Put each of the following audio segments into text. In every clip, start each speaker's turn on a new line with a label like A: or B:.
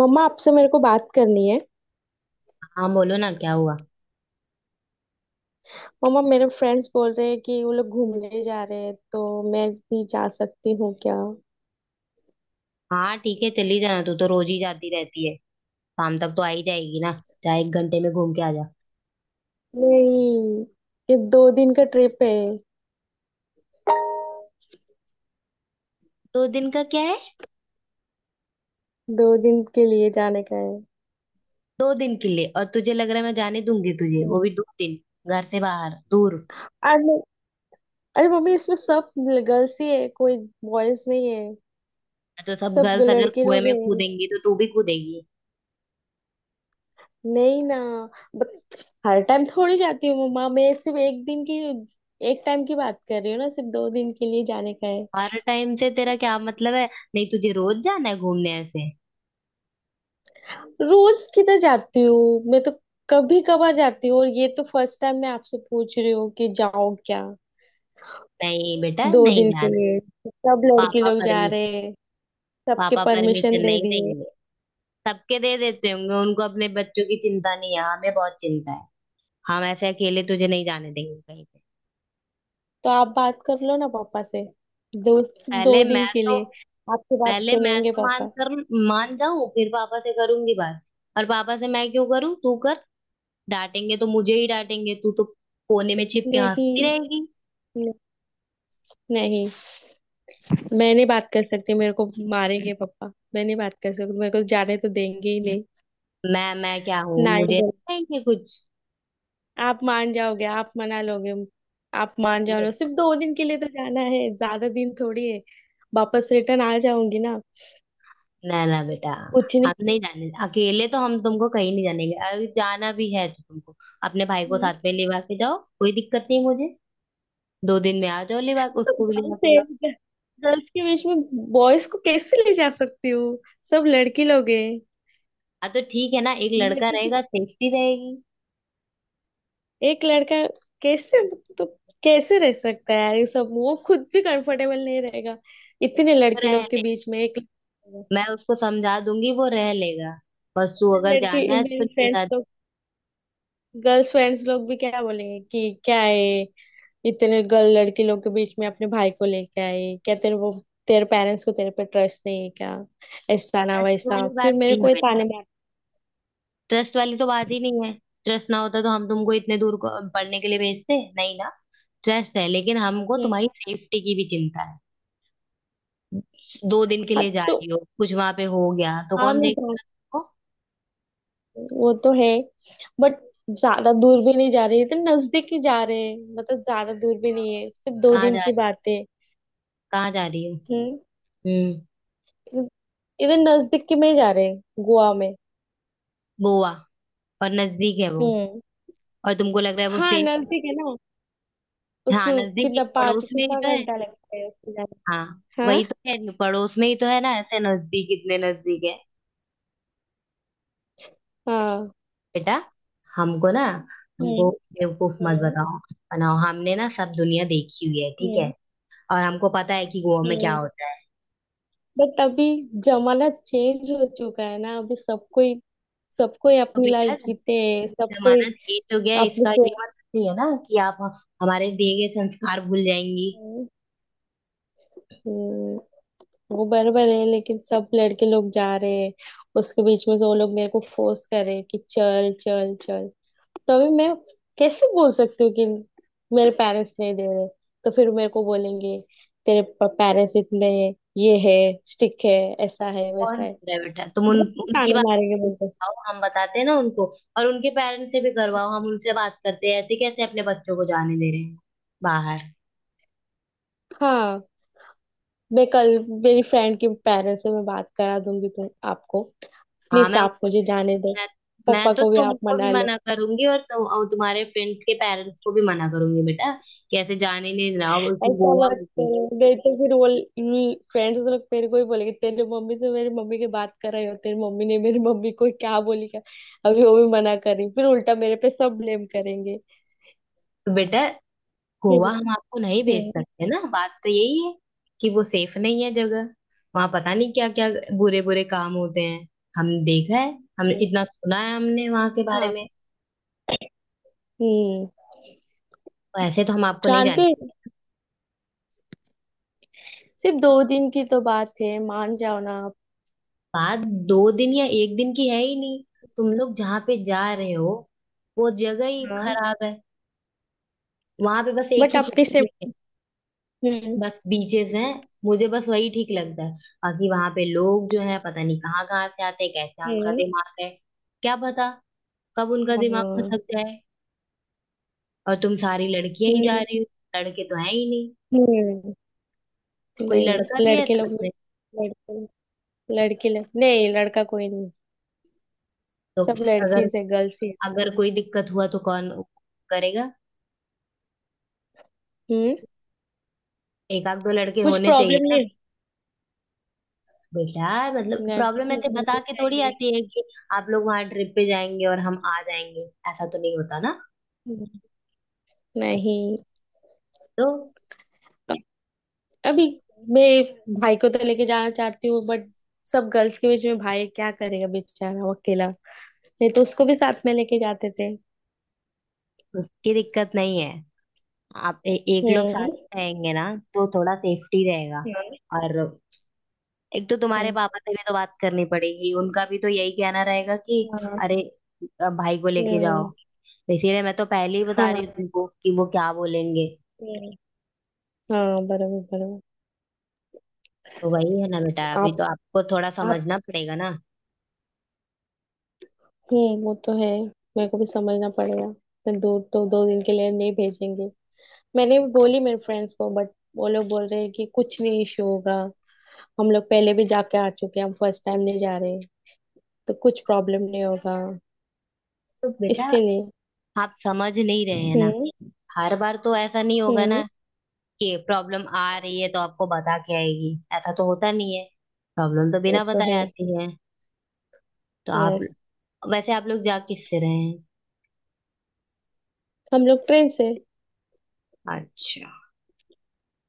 A: मम्मा आपसे मेरे को बात करनी है।
B: हाँ, बोलो ना। क्या हुआ?
A: मम्मा मेरे फ्रेंड्स बोल रहे हैं कि वो लोग घूमने जा रहे हैं, तो मैं भी जा सकती हूँ क्या?
B: हाँ ठीक है, चली जाना। तू तो रोज ही जाती रहती है। शाम तक तो आ ही जाएगी ना। जा, 1 घंटे में घूम के आ जा।
A: नहीं। ये दो दिन का ट्रिप है।
B: दो दिन का क्या है?
A: दो दिन के लिए जाने का है।
B: 2 दिन के लिए? और तुझे लग रहा है मैं जाने दूंगी तुझे, वो भी 2 दिन घर से बाहर दूर?
A: अरे, अरे मम्मी, इसमें सब गर्ल्स ही है, कोई बॉयज नहीं है।
B: तो सब
A: सब
B: गर्ल्स अगर
A: लड़के
B: कुएं
A: लोग
B: में
A: हैं,
B: कूदेंगी तो तू भी कूदेगी?
A: नहीं ना। बट हर टाइम थोड़ी जाती हूँ मम्मा, मैं सिर्फ एक दिन की एक टाइम की बात कर रही हूँ ना, सिर्फ दो दिन के लिए जाने का है।
B: हर टाइम से तेरा क्या मतलब है? नहीं, तुझे रोज जाना है घूमने ऐसे?
A: रोज किधर जाती हूँ मैं तो? कभी कभार जाती हूँ, और ये तो फर्स्ट टाइम मैं आपसे पूछ रही हूँ कि जाओ क्या।
B: नहीं बेटा,
A: दो
B: नहीं
A: दिन के
B: जाना है।
A: लिए। सब लड़के
B: पापा
A: लोग जा रहे
B: परमिशन।
A: हैं। सबके
B: पापा
A: परमिशन
B: परमिशन
A: दे
B: नहीं
A: दिए।
B: देंगे। सबके दे देते होंगे, उनको अपने बच्चों की चिंता नहीं है। हाँ, हमें बहुत चिंता है। हम ऐसे अकेले तुझे नहीं जाने देंगे कहीं पे।
A: तो आप बात कर लो ना पापा से। दो
B: पहले
A: दो
B: मैं
A: दिन के
B: तो
A: लिए। आपकी बात
B: पहले मैं
A: सुनेंगे
B: तो मान
A: पापा।
B: कर मान जाऊं फिर पापा से करूंगी बात। और पापा से मैं क्यों करूं? तू कर। डांटेंगे तो मुझे ही डांटेंगे, तू तो कोने में छिप के
A: नहीं,
B: हंसती रहेगी।
A: न- नहीं। मैं नहीं बात कर सकती, मेरे को मारेंगे पापा, मैं नहीं बात कर सकती, मेरे को जाने तो देंगे ही नहीं।
B: मैं क्या हूँ?
A: ना
B: मुझे
A: ही
B: नहीं कहेंगे कुछ।
A: आप मान जाओगे, आप मना लोगे। आप मान जाओगे, सिर्फ दो दिन के लिए तो जाना है, ज्यादा दिन थोड़ी है। वापस रिटर्न आ जाऊंगी ना।
B: ना ना बेटा।
A: कुछ नहीं।
B: हम नहीं जाने अकेले, तो हम तुमको कहीं नहीं जानेंगे। अगर जाना भी है तो तुमको अपने भाई को साथ में लेवा के जाओ, कोई दिक्कत नहीं मुझे। 2 दिन में आ जाओ, लेवा उसको भी लेवा के जाओ।
A: गर्ल्स गर्ल्स के बीच में बॉयज को कैसे ले जा सकती हूँ? सब लड़की लोग हैं।
B: हाँ तो ठीक है ना, एक लड़का
A: लड़के के-
B: रहेगा, सेफ्टी रहेगी।
A: एक लड़का कैसे, तो कैसे रह सकता है यार, ये सब वो खुद भी कंफर्टेबल नहीं रहेगा, इतने
B: वो
A: लड़की
B: रह
A: लोग के बीच में एक।
B: मैं उसको समझा दूंगी, वो रह लेगा। बस तू अगर जाना
A: लड़की
B: है तो
A: मेरी
B: उसके
A: फ्रेंड्स
B: साथ।
A: लोग, गर्ल्स फ्रेंड्स लोग भी क्या बोलेंगे कि क्या है, इतने गर्ल लड़के लोग के बीच में अपने भाई को लेके आई क्या, तेरे वो, तेरे पेरेंट्स को तेरे पे ट्रस्ट नहीं है क्या, ऐसा ना
B: ट्रस्ट
A: वैसा,
B: वाली
A: फिर
B: बात
A: मेरे
B: नहीं है
A: को ये
B: बेटा।
A: ताने मारते
B: ट्रस्ट वाली तो बात ही नहीं है। ट्रस्ट ना होता तो हम तुमको इतने दूर को पढ़ने के लिए भेजते नहीं ना। ट्रस्ट है, लेकिन हमको
A: हैं।
B: तुम्हारी सेफ्टी की भी चिंता है। दो दिन के
A: हाँ
B: लिए जा
A: तो,
B: रही हो, कुछ वहां पे हो गया तो
A: हाँ
B: कौन
A: मैं जानती
B: देखेगा?
A: हूँ, वो तो है। बट ज्यादा दूर भी नहीं जा रही, तो नजदीक ही जा रहे हैं, मतलब ज्यादा दूर भी नहीं है, सिर्फ दो
B: कहाँ
A: दिन
B: जा
A: की बात है।
B: कहाँ जा रही हो?
A: हम्म।
B: हम्म।
A: इधर नजदीक के में ही जा रहे हैं। गोवा में।
B: गोवा? और नजदीक है वो?
A: हम्म।
B: और तुमको लग रहा है वो
A: हाँ
B: सेफ?
A: नजदीक है ना। उस
B: हाँ नजदीक ही,
A: कितना, पाँच,
B: पड़ोस में ही
A: कितना
B: तो है।
A: घंटा लगता है उससे जाने?
B: हाँ
A: हाँ।
B: वही तो है, पड़ोस में ही तो है ना, ऐसे नजदीक, इतने नजदीक है।
A: हाँ।
B: बेटा, हमको ना हमको बेवकूफ मत
A: हम्म।
B: बताओ बनाओ। हमने ना सब दुनिया देखी हुई है, ठीक है।
A: हम्म।
B: और हमको पता है कि गोवा में क्या
A: हम्म।
B: होता है।
A: बट अभी जमाना चेंज हो चुका है ना, अभी सबको ही,
B: तो
A: अपनी
B: बेटा,
A: लाइफ जीते हैं सबको ही
B: जमाना चेंज हो गया है,
A: अपने
B: इसका
A: से।
B: ये मतलब नहीं है ना कि आप हमारे दिए गए संस्कार भूल जाएंगी।
A: हम्म, वो बराबर है, लेकिन सब लड़के लोग जा रहे हैं उसके बीच में, तो वो लोग मेरे को फोर्स कर रहे हैं कि चल चल चल, तो अभी मैं कैसे बोल सकती हूँ कि मेरे पेरेंट्स नहीं दे रहे, तो फिर मेरे को बोलेंगे तेरे पेरेंट्स इतने, ये है, स्टिक है, ऐसा है वैसा
B: कौन
A: है,
B: भूल रहा है बेटा? तुम उन
A: बहुत
B: उनकी
A: ताने
B: बात
A: मारेंगे मुझे।
B: बताओ, हम बताते हैं ना उनको। और उनके पेरेंट्स से भी करवाओ, हम उनसे बात करते हैं। ऐसे कैसे अपने बच्चों को जाने दे रहे हैं बाहर?
A: हाँ, मैं कल मेरी फ्रेंड के पेरेंट्स से मैं बात करा दूंगी तुम आपको,
B: हाँ,
A: प्लीज आप मुझे जाने दो,
B: मैं
A: पापा
B: मैं तो
A: को भी आप
B: तुमको भी
A: मना लो।
B: मना करूंगी और तुम और तुम्हारे फ्रेंड्स के पेरेंट्स को भी मना करूंगी बेटा कि ऐसे जाने नहीं देना। और उसको
A: ऐसा
B: गोवा
A: मत
B: होगी।
A: करो, नहीं तो फिर वो फ्रेंड्स लोग मेरे को ही बोलेंगे तेरे मम्मी से मेरी मम्मी की बात कर रही हो, तेरी मम्मी ने मेरी मम्मी को क्या बोली क्या, अभी वो भी मना कर रही, फिर उल्टा मेरे पे सब ब्लेम करेंगे।
B: तो बेटा,
A: फिर,
B: गोवा हम आपको नहीं भेज
A: हम्म,
B: सकते ना, बात तो यही है कि वो सेफ नहीं है जगह। वहां पता नहीं क्या क्या बुरे बुरे काम होते हैं। हम देखा है, हम
A: हम्म,
B: इतना सुना है हमने वहां के बारे
A: हाँ।
B: में।
A: हम्म।
B: और ऐसे तो हम आपको नहीं
A: जानते
B: जाने
A: हैं,
B: देंगे।
A: सिर्फ दो दिन की तो बात है, मान जाओ ना आप।
B: बात 2 दिन या 1 दिन की है ही नहीं। तुम लोग जहाँ पे जा रहे हो, वो जगह ही
A: हाँ।
B: खराब है। वहां पे बस एक
A: बट
B: ही चीज
A: अपनी से।
B: ठीक है,
A: हम्म।
B: बस बीचेस हैं, मुझे बस वही ठीक लगता है। बाकी वहां पे लोग जो है पता नहीं कहाँ कहाँ से आते हैं, कैसा उनका
A: हम्म।
B: दिमाग है, क्या पता कब उनका दिमाग
A: हाँ।
B: खसक जाए। और तुम सारी लड़कियां ही जा
A: हम्म।
B: रही हो, लड़के तो है ही नहीं।
A: हम्म,
B: तो कोई लड़का
A: नहीं।
B: भी है
A: लड़के
B: साथ
A: लोग,
B: में?
A: लड़के, लड़के लोग नहीं, लड़का कोई नहीं।
B: तो
A: सब
B: अगर
A: लड़कीज है, गर्ल्स ही है।
B: अगर कोई दिक्कत हुआ तो कौन करेगा?
A: हम्म।
B: एक आध दो लड़के
A: कुछ
B: होने चाहिए
A: प्रॉब्लम
B: ना।
A: नहीं।
B: बेटा मतलब
A: लड़के
B: प्रॉब्लम
A: को
B: ऐसे बता
A: होना
B: के थोड़ी
A: चाहिए।
B: आती है कि आप लोग वहां ट्रिप पे जाएंगे और हम आ जाएंगे, ऐसा तो नहीं होता ना।
A: हम्म, नहीं।
B: तो
A: अभी मैं भाई को तो लेके जाना चाहती हूँ, बट सब गर्ल्स के बीच में भाई क्या करेगा बेचारा, वो अकेला, नहीं तो उसको भी साथ में लेके जाते थे।
B: उसकी दिक्कत नहीं है। आप एक लोग साथ
A: हम्म।
B: में रहेंगे ना तो थोड़ा सेफ्टी रहेगा।
A: हाँ।
B: और एक तो तुम्हारे
A: हाँ।
B: पापा से भी तो बात करनी पड़ेगी, उनका भी तो यही कहना रहेगा कि अरे, भाई को लेके जाओ।
A: हम्म।
B: तो इसीलिए मैं तो पहले ही बता रही
A: हाँ।
B: हूँ तुमको कि वो क्या बोलेंगे।
A: हम्म, हाँ बराबर बराबर।
B: तो वही है ना बेटा, अभी
A: आप
B: तो आपको थोड़ा
A: आप
B: समझना पड़ेगा ना।
A: वो तो है। मेरे को भी समझना पड़ेगा, इतने दूर तो दो दिन के लिए नहीं भेजेंगे। मैंने भी बोली मेरे फ्रेंड्स को, बट वो लोग बोल रहे हैं कि कुछ नहीं इशू होगा, हम लोग पहले भी जाके आ चुके हैं, हम फर्स्ट टाइम नहीं जा रहे, तो कुछ प्रॉब्लम नहीं होगा
B: तो बेटा
A: इसके लिए।
B: आप समझ नहीं रहे हैं ना,
A: हम्म।
B: हर बार तो ऐसा नहीं होगा ना
A: हम्म।
B: कि प्रॉब्लम आ रही है तो आपको बता के आएगी। ऐसा तो होता नहीं है, प्रॉब्लम तो
A: वो
B: बिना
A: तो है।
B: बताए आती है। तो आप
A: यस।
B: वैसे आप लोग जा किससे रहे हैं?
A: हम लोग ट्रेन से।
B: अच्छा,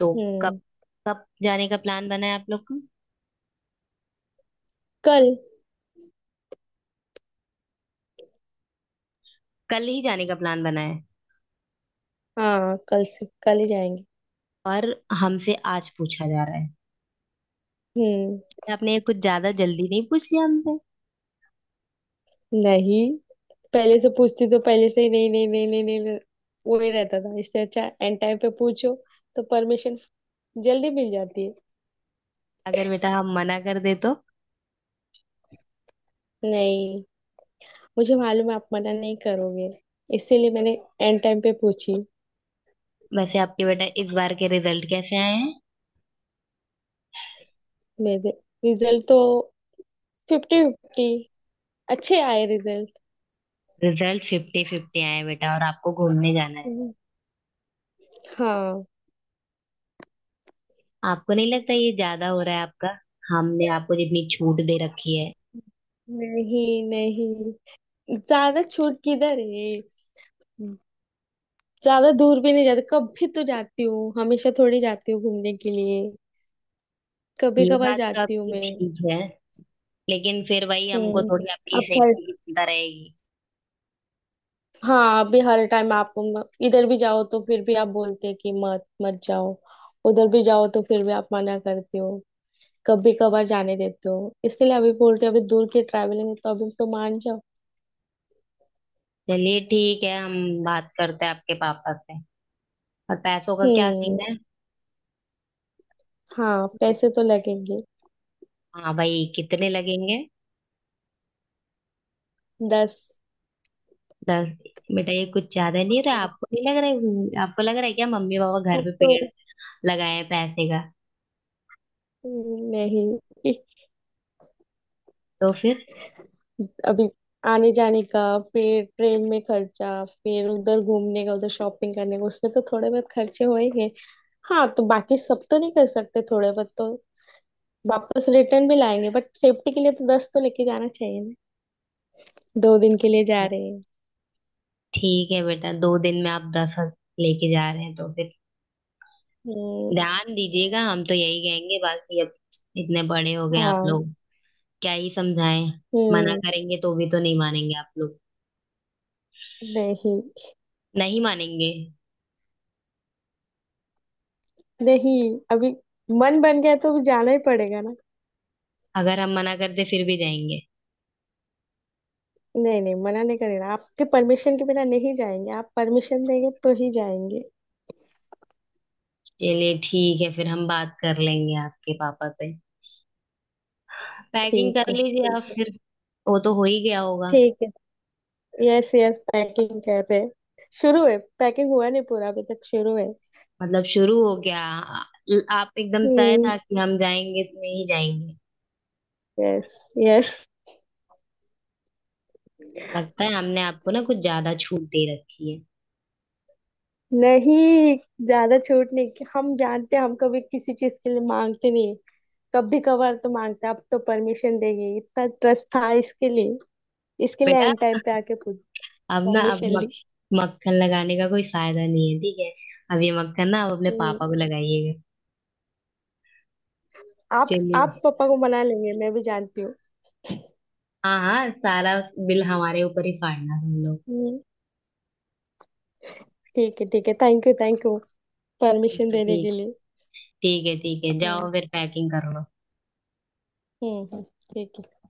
B: तो कब
A: हम्म।
B: कब जाने का प्लान बना है आप लोग का?
A: कल।
B: कल ही जाने का प्लान बना है?
A: हाँ कल से कल ही जाएंगे।
B: और हमसे आज पूछा जा रहा है?
A: हम्म।
B: बेटा, आपने कुछ ज्यादा जल्दी नहीं पूछ लिया हमसे?
A: नहीं, पहले से पूछती तो पहले से ही नहीं नहीं नहीं नहीं नहीं नहीं, वो ही रहता था, इससे अच्छा एंड टाइम पे पूछो तो परमिशन जल्दी मिल जाती है।
B: अगर बेटा हम मना कर दे तो?
A: नहीं, मुझे मालूम है आप मना नहीं करोगे, इसीलिए मैंने एंड टाइम पे पूछी।
B: वैसे आपके बेटा इस बार के रिजल्ट कैसे आए हैं?
A: मेरे रिजल्ट तो फिफ्टी फिफ्टी अच्छे आए रिजल्ट।
B: रिजल्ट फिफ्टी फिफ्टी आए हैं बेटा और आपको घूमने जाना है?
A: हाँ।
B: आपको नहीं लगता ये ज्यादा हो रहा है आपका? हमने आपको जितनी छूट दे रखी है।
A: नहीं नहीं, ज्यादा छूट किधर है, ज्यादा दूर भी नहीं जाती, कभी तो जाती हूँ, हमेशा थोड़ी जाती हूँ घूमने के लिए, कभी
B: ये
A: कभार
B: बात तो
A: जाती हूँ
B: आपकी
A: मैं।
B: ठीक है, लेकिन फिर वही हमको
A: हम्म।
B: थोड़ी आपकी
A: अब पर,
B: सेफ्टी की चिंता रहेगी।
A: हाँ अभी हर टाइम आपको इधर भी जाओ तो फिर भी आप बोलते हैं कि मत मत जाओ, उधर भी जाओ तो फिर भी आप मना करते हो, कभी कभार जाने देते हो, इसलिए अभी बोल रहे हो, अभी दूर की ट्रैवलिंग है तो अभी तो मान जाओ।
B: चलिए ठीक है, हम बात करते हैं आपके पापा से। और पैसों का क्या सीन
A: हम्म।
B: है?
A: हाँ पैसे तो लगेंगे।
B: हाँ भाई कितने लगेंगे?
A: दस।
B: 10? बेटा ये कुछ ज्यादा नहीं रहा,
A: हम्म,
B: आपको नहीं लग रहा है? आपको लग रहा है क्या मम्मी पापा घर
A: अब
B: पे
A: तो,
B: पेड़ लगाए हैं पैसे का?
A: नहीं।
B: तो फिर
A: अभी आने जाने का फिर ट्रेन में खर्चा, फिर उधर घूमने का, उधर शॉपिंग करने का, उसमें तो थोड़े बहुत खर्चे हो ही गए, हाँ तो बाकी सब तो नहीं कर सकते, थोड़े बहुत तो वापस रिटर्न भी लाएंगे, बट सेफ्टी के लिए तो दस तो लेके जाना चाहिए ना, दो दिन के लिए जा रहे हैं।
B: ठीक है बेटा, 2 दिन में आप 10 लेके जा रहे हैं तो फिर
A: हम्म,
B: ध्यान दीजिएगा। हम तो यही कहेंगे, बाकी अब इतने बड़े हो गए आप
A: हाँ।
B: लोग, क्या ही समझाएं। मना
A: हम्म।
B: करेंगे तो भी तो नहीं मानेंगे आप लोग।
A: नहीं।
B: नहीं मानेंगे।
A: नहीं अभी मन बन गया तो अभी जाना ही पड़ेगा ना।
B: अगर हम मना करते फिर भी जाएंगे?
A: नहीं नहीं, मना नहीं करेगा, आपके परमिशन के बिना नहीं जाएंगे, आप परमिशन देंगे तो ही जाएंगे।
B: चलिए ठीक है, फिर हम बात कर लेंगे आपके पापा से। पैकिंग
A: ठीक
B: कर
A: है,
B: लीजिए
A: ठीक
B: आप
A: है।
B: फिर। वो तो हो ही गया होगा।
A: ठीक है। यस, यस, पैकिंग कर रहे हैं। शुरू है, पैकिंग हुआ नहीं पूरा, अभी तक शुरू है।
B: मतलब शुरू हो गया। आप एकदम तय
A: हम्म।
B: था कि हम जाएंगे तो नहीं जाएंगे।
A: यस। यस।
B: लगता है हमने आपको ना कुछ ज्यादा छूट दे रखी है।
A: नहीं, ज्यादा छूट नहीं, कि हम जानते हैं, हम कभी किसी चीज के लिए मांगते नहीं, कभी कभार तो मांगते हैं, अब तो परमिशन देंगे इतना ट्रस्ट था, इसके लिए
B: बेटा
A: एंड टाइम पे आके पूछ
B: अब ना अब
A: परमिशन ली।
B: मक्खन लगाने का कोई फायदा नहीं है, ठीक है। अब ये मक्खन ना आप अपने
A: हम्म।
B: पापा को लगाइएगा।
A: आप
B: चलिए,
A: आप पापा को मना लेंगे, मैं भी जानती हूँ।
B: हाँ हाँ सारा बिल हमारे ऊपर ही फाड़ना तुम लोग।
A: हम्म। ठीक है, ठीक है, thank you, thank you, permission
B: चलो
A: देने
B: ठीक,
A: के लिए।
B: ठीक है ठीक है,
A: हम्म।
B: जाओ फिर पैकिंग करो।
A: हम्म। ठीक है।